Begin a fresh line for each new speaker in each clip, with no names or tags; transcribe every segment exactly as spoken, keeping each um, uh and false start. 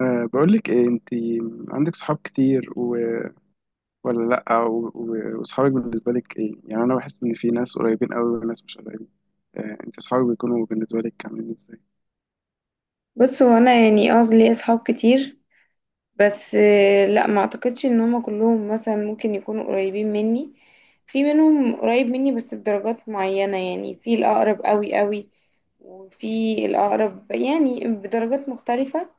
أه بقول لك ايه انت عندك صحاب كتير و... ولا لا و... و... وصحابك بالنسبه لك ايه؟ يعني انا بحس ان في ناس قريبين قوي وناس مش قريبين. أه انت صحابك بيكونوا بالنسبه لك عاملين ازاي؟
بص هو انا يعني اه ليا اصحاب كتير. بس آه، لا ما اعتقدش ان هما كلهم مثلا ممكن يكونوا قريبين مني. في منهم قريب مني بس بدرجات معينة، يعني في الاقرب قوي قوي وفي الاقرب يعني بدرجات مختلفة.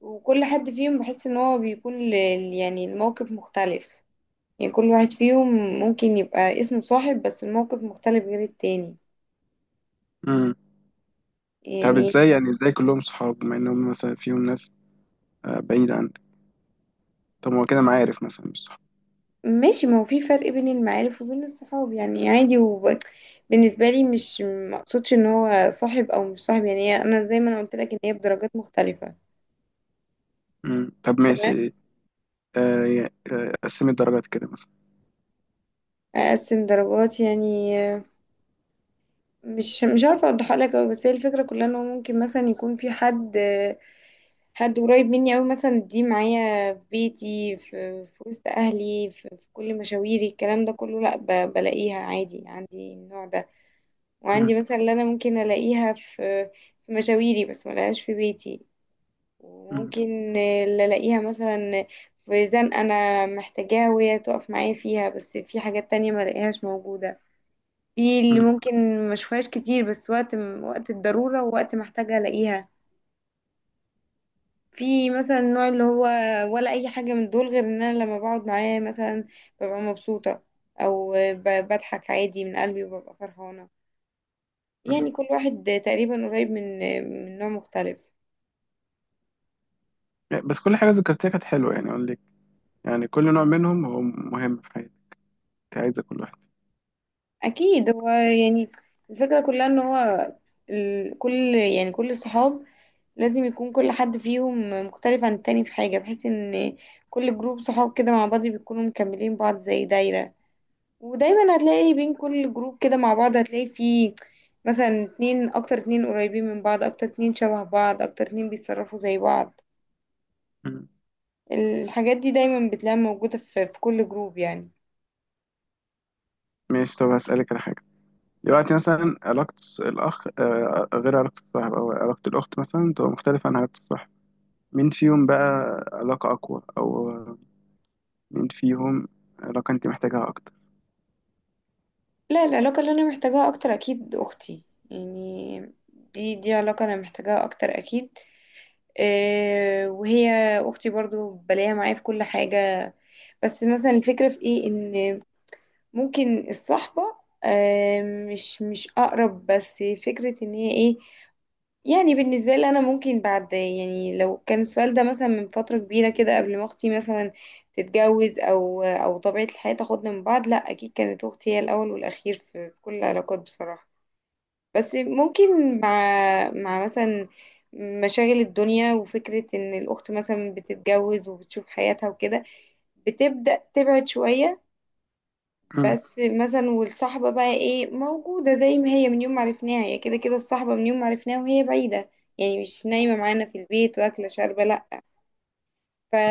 وكل حد فيهم بحس ان هو بيكون ل- يعني الموقف مختلف، يعني كل واحد فيهم ممكن يبقى اسمه صاحب بس الموقف مختلف غير التاني
امم طب
يعني.
ازاي؟ يعني ازاي كلهم صحاب بما انهم مثلا فيهم ناس أه بعيده عنك؟ طب ما هو كده معارف مثلا، مش صحاب.
ماشي، ما هو في فرق بين المعارف وبين الصحاب يعني عادي، وبالنسبة لي مش مقصودش ان هو صاحب او مش صاحب يعني. هي- انا زي ما انا قلت لك ان هي بدرجات مختلفة.
امم طب
تمام.
ماشي. أه يا- آه، قسمي الدرجات كده مثلا.
اقسم درجات يعني آه، مش مش عارفة اوضحها لك أوي. بس هي الفكرة كلها ان هو ممكن مثلا يكون في حد آه، حد قريب مني أوي، مثلا دي معايا في بيتي، في, في وسط اهلي، في, في كل مشاويري، الكلام ده كله لا، ب- بلاقيها عادي عندي النوع ده.
امم
وعندي مثلا اللي انا ممكن الاقيها في في مشاويري بس ما الاقيهاش في بيتي.
امم
وممكن اللي الاقيها مثلا في زنقة انا محتاجاها وهي تقف معايا فيها، بس في حاجات تانية ما الاقيهاش موجودة. في اللي
امم
ممكن ما اشوفهاش كتير بس وقت وقت الضرورة ووقت محتاجة الاقيها. في مثلا النوع اللي هو ولا اي حاجة من دول، غير ان انا لما بقعد معاه مثلا ببقى مبسوطة، او ب- بضحك عادي من قلبي وببقى فرحانة.
أمم.
يعني كل واحد تقريبا قريب من من نوع مختلف.
يعني بس كل حاجه ذكرتها كانت حلوه، يعني اقول لك، يعني كل نوع منهم هو مهم في حياتي. عايزه كل
اكيد هو يعني الفكرة كلها ان هو ال... كل يعني كل الصحاب لازم يكون كل حد فيهم مختلف عن التاني في حاجة، بحيث ان كل جروب صحاب كده مع بعض بيكونوا مكملين بعض زي دايرة. ودايما هتلاقي بين كل جروب كده مع بعض هتلاقي فيه مثلا اتنين اكتر، اتنين قريبين من بعض اكتر، اتنين شبه بعض اكتر، اتنين بيتصرفوا زي بعض.
واحد.
الحاجات دي دايما بتلاقيها موجودة في في كل جروب يعني.
ماشي، طب هسألك على حاجة. دلوقتي مثلا علاقة الأخ آه، غير علاقة الصاحب، أو علاقة الأخت مثلا تبقى مختلفة عن علاقة الصاحب. مين فيهم بقى علاقة أقوى؟ أو مين فيهم علاقة أنت محتاجها أكتر؟
لا، العلاقة اللي أنا محتاجاها أكتر أكيد أختي يعني. دي دي علاقة أنا محتاجاها أكتر أكيد. أه وهي أختي برضو بلاقيها معايا في كل حاجة. بس مثلا الفكرة في إيه، إن ممكن الصحبة أه مش مش أقرب بس فكرة إن هي إيه. يعني بالنسبة لي، أنا ممكن بعد يعني لو كان السؤال ده مثلا من فترة كبيرة كده قبل ما أختي مثلا تتجوز أو أو طبيعة الحياة تاخدنا من بعض، لأ أكيد كانت أختي هي الأول والأخير في في كل العلاقات بصراحة. بس ممكن مع مع مثلا مشاغل الدنيا وفكرة إن الأخت مثلا بتتجوز وبتشوف حياتها وكده، بتبدأ تبعد شوية.
مم.
بس مثلا والصحبة بقى ايه موجودة زي ما هي من يوم ما عرفناها، هي كده كده الصحبة من يوم ما عرفناها وهي بعيدة، يعني مش نايمة معانا في البيت واكلة شاربة لأ.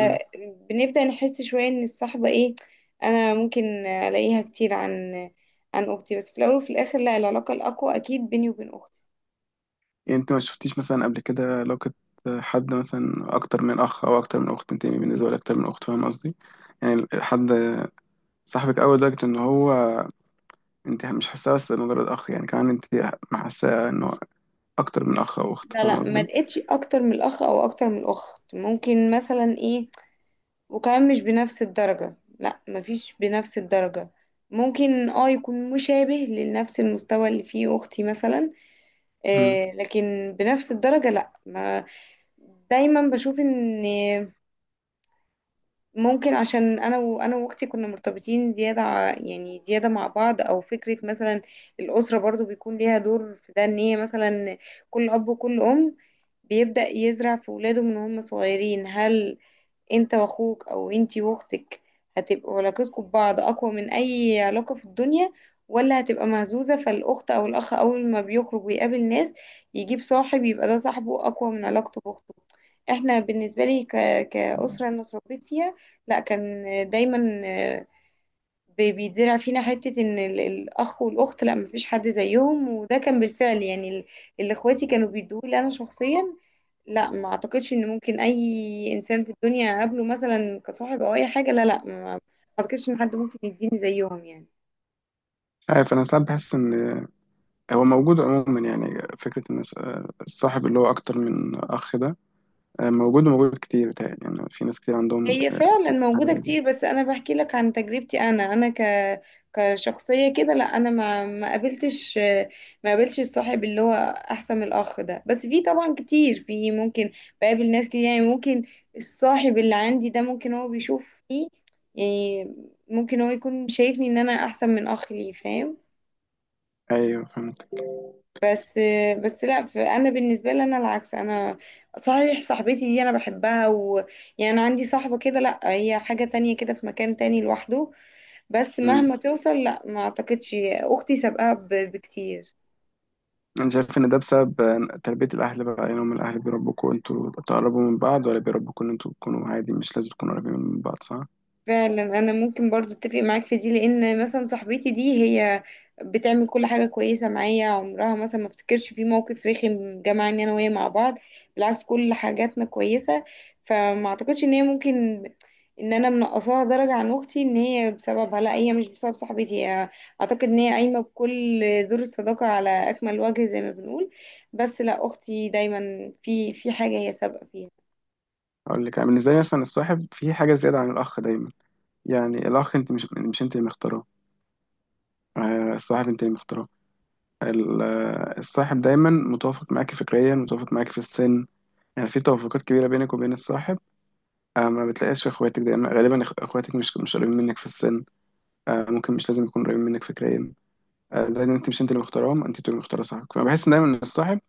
مم.
نحس شوية ان الصحبة ايه، انا ممكن الاقيها كتير عن عن اختي. بس في الاول وفي الاخر لا، العلاقة الاقوى اكيد بيني وبين اختي.
يعني أنت ما شفتيش مثلا قبل كده علاقة حد مثلا أكتر من أخ أو أكتر من أخت؟ أنت بالنسبة لك أكتر من أخت، فاهم قصدي؟ يعني حد صاحبك أوي لدرجة إن هو أنت مش حاساه بس مجرد أخ، يعني كمان أنت حاساه إنه أكتر من أخ أو أخت،
لا
فاهم
لا، ما
قصدي؟
لقيتش اكتر من الاخ او اكتر من الاخت. ممكن مثلا ايه، وكمان مش بنفس الدرجة. لا مفيش بنفس الدرجة. ممكن اه يكون مشابه لنفس المستوى اللي فيه أختي مثلا، آه لكن بنفس الدرجة لا ما. دايما بشوف ان ممكن، عشان انا وانا واختي كنا مرتبطين زيادة ع- يعني زيادة مع بعض، او فكرة مثلا الأسرة برضو بيكون ليها دور في ده. ان هي مثلا كل اب وكل ام بيبدأ يزرع في ولاده من هم صغيرين، هل انت واخوك او انتي واختك هتبقوا علاقتكم ببعض اقوى من اي علاقة في الدنيا ولا هتبقى مهزوزة؟ فالاخت او الاخ اول ما بيخرج ويقابل ناس يجيب صاحب يبقى ده صاحبه اقوى من علاقته باخته. احنا بالنسبة لي ك... كأسرة انا اتربيت فيها لا، كان دايما بي- بيتزرع فينا حتة ان ال- الاخ والاخت لا مفيش حد زيهم. وده كان بالفعل يعني ال- اللي اخواتي كانوا بيدوه لي انا شخصيا. لا ما اعتقدش ان ممكن اي انسان في الدنيا اقابله مثلا كصاحب او اي حاجة. لا لا، ما ما اعتقدش ان حد ممكن يديني زيهم يعني.
عارف انا ساعات بحس ان هو موجود عموما. يعني فكره ان الس- الصاحب اللي هو اكتر من اخ ده آه، موجود وموجود كتير، بتهيألي. يعني في ناس كتير عندهم
هي
آه،
فعلا
فكرة حاجه
موجودة
زي كده.
كتير، بس أنا بحكي لك عن تجربتي أنا. أنا ك كشخصية كده لا، أنا ما ما قابلتش، ما قابلتش الصاحب اللي هو أحسن من الأخ ده. بس في طبعا كتير، في ممكن بقابل ناس كتير يعني. ممكن الصاحب اللي عندي ده ممكن هو بيشوف فيه، يعني ممكن هو يكون شايفني إن أنا أحسن من أخ ليه فاهم؟
ايوه فهمت.
بس بس لا، ف- انا بالنسبه لي انا العكس انا. صحيح صاحبتي دي انا بحبها، ويعني عندي صاحبه كده لا هي حاجه تانية كده في مكان تاني لوحده، بس
مم.
مهما توصل لا ما اعتقدش اختي سابقاها ب- بكتير.
انا شايف ان ده بسبب آه، تربيه الاهل بقى. يعني هم الاهل بيربوكوا انتوا تقربوا من بعض، ولا بيربوكوا ان انتوا تكونوا عادي، مش لازم تكونوا قريبين من بعض؟ صح،
فعلا انا ممكن برضو اتفق معاك في دي، لان مثلا صاحبتي دي هي بتعمل كل حاجه كويسه معايا، عمرها مثلا ما افتكرش في موقف رخم جمعني انا وهي مع بعض. بالعكس، كل حاجاتنا كويسه. فما اعتقدش ان هي ممكن ان انا منقصاها درجه عن اختي ان هي بسببها. لا، هي مش بسبب صاحبتي، هي اعتقد ان هي قايمه بكل دور الصداقه على اكمل وجه زي ما بنقول. بس لا اختي دايما في في حاجه هي سابقه فيها.
اقول لك. يعني بالنسبه لي مثلا الصاحب في حاجه زياده عن الاخ دايما. يعني الاخ انت مش مش انت اللي مختاره، آه، الصاحب انت اللي مختاره. ال- الصاحب دايما متوافق معاك فكريا، متوافق معاك في السن. يعني في توافقات كبيرة بينك وبين الصاحب آه، ما بتلاقيهاش في اخواتك دايما. غالبا إخ- اخواتك مش مش قريبين منك في السن آه، ممكن. مش لازم يكونوا قريبين منك فكريا آه، زائد ان انت مش انت اللي مختارهم، انت اللي مختار صاحبك. فانا بحس إن دايما ان الصاحب،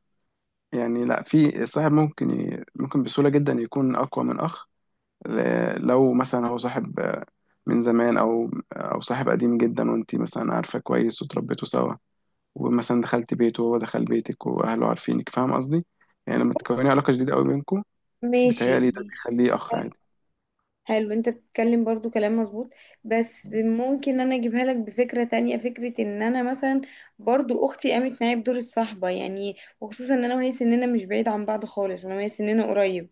يعني لا، في الصاحب ممكن ي... ممكن بسهولة جدا يكون اقوى من اخ. ل- لو مثلا هو صاحب آه، من زمان، او او صاحب قديم جدا وانت مثلا عارفة كويس وتربيتوا سوا ومثلا دخلت بيته وهو دخل بيتك واهله عارفينك، فاهم قصدي؟ يعني لما تكوني علاقه جديده قوي بينكم،
ماشي
بتهيألي ده
ماشي.
بيخليه اخ عادي.
حلو، انت بتتكلم برضو كلام مظبوط. بس ممكن انا اجيبها لك بفكرة تانية. فكرة ان انا مثلا برضو اختي قامت معايا بدور الصحبة يعني، وخصوصا ان انا وهي سننا مش بعيد عن بعض خالص، انا وهي سننا قريب.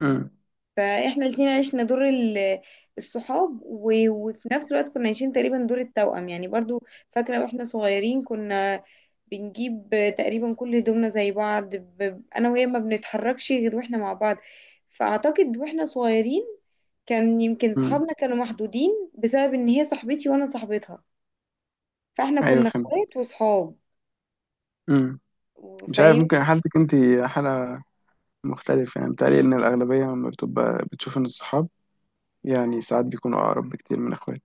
امم
فاحنا الاتنين عشنا دور ال- الصحاب و- وفي نفس الوقت كنا عايشين تقريبا دور التوأم يعني برضو. فاكرة واحنا صغيرين كنا بنجيب تقريبا كل هدومنا زي بعض، ب- انا وهي ما بنتحركش غير واحنا مع بعض. فاعتقد واحنا صغيرين كان يمكن
امم
صحابنا كانوا محدودين بسبب ان هي صاحبتي وانا صاحبتها. فاحنا
ايوه
كنا
فهمت.
اخوات
امم مش عارف،
وصحاب.
ممكن حالتك انت حاله مختلفه. يعني بتهيألي ان الاغلبيه لما بتبقى بتشوف ان الصحاب، يعني ساعات بيكونوا اقرب بكتير من اخوات.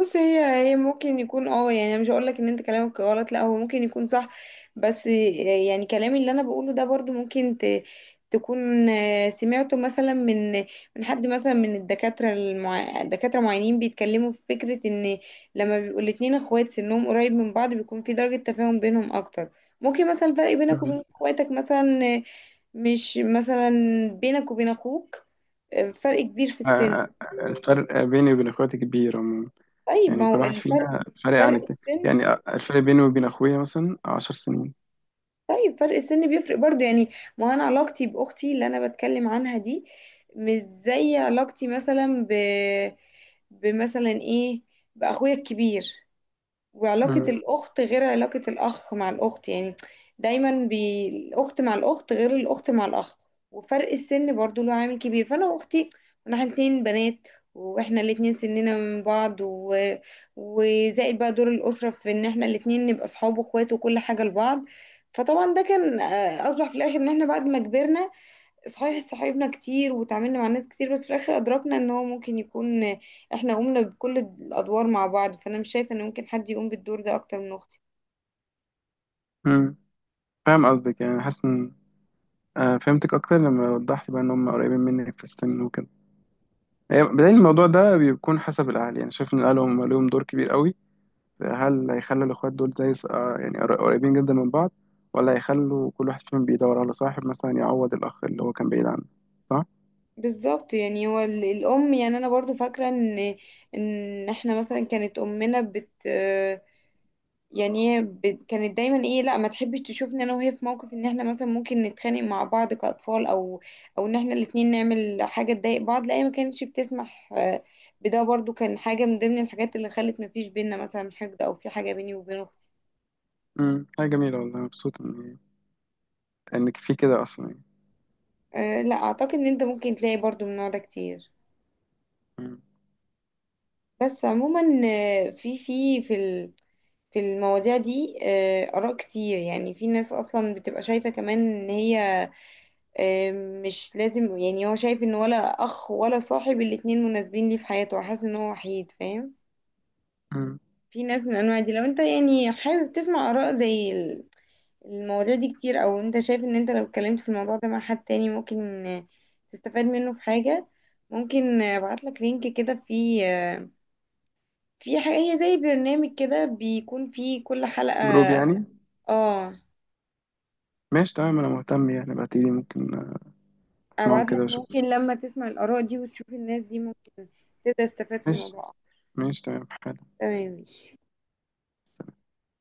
بص هي هي ممكن يكون اه، يعني انا مش هقول لك ان انت كلامك غلط لا، هو ممكن يكون صح. بس يعني كلامي اللي انا بقوله ده برضو ممكن ت... تكون آه، سمعته مثلا من من حد مثلا من الدكاترة، المع... دكاترة معينين بيتكلموا في فكرة ان لما بيبقوا الاتنين اخوات سنهم قريب من بعض بيكون في درجة تفاهم بينهم اكتر. ممكن مثلا الفرق بينك
مم.
وبين اخواتك مثلا آه، مش مثلا بينك وبين اخوك آه، فرق كبير في السن.
آه، الفرق بيني وبين اخواتي كبير عموما.
طيب
يعني
ما
كل
هو
واحد
الفرق؟
فينا فرق عن
فرق
التاني.
السن.
يعني آه، الفرق بيني وبين اخويا مثلا عشر سنين.
طيب، فرق السن بيفرق برضو يعني. ما انا علاقتي باختي اللي انا بتكلم عنها دي مش زي علاقتي مثلا ب بمثلا ايه باخويا الكبير. وعلاقة
مم.
الأخت غير علاقة الأخ مع الأخت يعني. دايما بي... الأخت مع الأخت غير الأخت مع الأخ. وفرق السن برضو له عامل كبير. فأنا وأختي كنا إحنا الاتنين بنات، وإحنا الاتنين سننا من بعض و... وزائد بقى دور الأسرة في إن إحنا الاتنين نبقى صحاب وإخوات وكل حاجة لبعض. فطبعا ده كان آه، أصبح في الآخر إن إحنا بعد ما كبرنا صحيح صاحبنا كتير وتعاملنا مع ناس كتير، بس في الاخر ادركنا ان هو ممكن يكون احنا قمنا بكل الادوار مع بعض. فانا مش شايفه ان ممكن حد يقوم بالدور ده اكتر من اختي.
مم. فاهم قصدك. يعني حاسس ان آه، فهمتك اكتر لما وضحت بقى ان هم قريبين منك في السن وكده. هي بداية الموضوع ده بيكون حسب الاهل. يعني شايف ان الاهل هم لهم دور كبير قوي. هل هيخلوا الاخوات دول زي آه، يعني قر- قريبين جدا من بعض، ولا هيخلوا كل واحد فيهم بيدور على صاحب مثلا يعوض الاخ اللي هو كان بعيد عنه؟ صح؟
بالظبط يعني هو ال- الام يعني، انا برضو فاكره ان ان احنا مثلا كانت امنا بت يعني هي ب- كانت دايما ايه لا ما تحبش تشوفني انا وهي في موقف ان احنا مثلا ممكن نتخانق مع بعض كأطفال، او او ان احنا الاتنين نعمل حاجة تضايق بعض. لا، هي ما كانتش بتسمح آه، بده. برضو كان حاجة من ضمن الحاجات اللي خلت ما فيش بينا مثلا حقد او في حاجة بيني وبين اختي.
امم حاجه جميله والله. مبسوط ان انك في كده اصلا، يعني.
أه لا، اعتقد ان انت ممكن تلاقي برضو من النوع ده كتير.
مم.
بس عموما آه، في في في ال- في المواضيع دي آه، آراء كتير. يعني في ناس أصلا بتبقى شايفة كمان إن هي مش لازم، يعني هو شايف ان ولا اخ ولا صاحب الاتنين مناسبين ليه في حياته، حاسس ان هو وحيد فاهم.
مم.
في ناس من انواع دي، لو انت يعني حابب تسمع اراء زي ال- المواضيع دي كتير او انت شايف ان انت لو اتكلمت في الموضوع ده مع حد تاني ممكن تستفاد منه في حاجة، ممكن ابعت لك لينك كده فيه، في حاجة هي زي برنامج كده بيكون فيه كل حلقة.
جروب يعني؟
اه
ماشي تمام، انا مهتم، يعني بعتيلي ممكن اسمعهم
ابعت
كده
لك،
واشوف.
ممكن لما تسمع الاراء دي وتشوف الناس دي ممكن تبدأ تستفاد في
ماشي
الموضوع.
ماشي تمام، حلو.
تمام ماشي.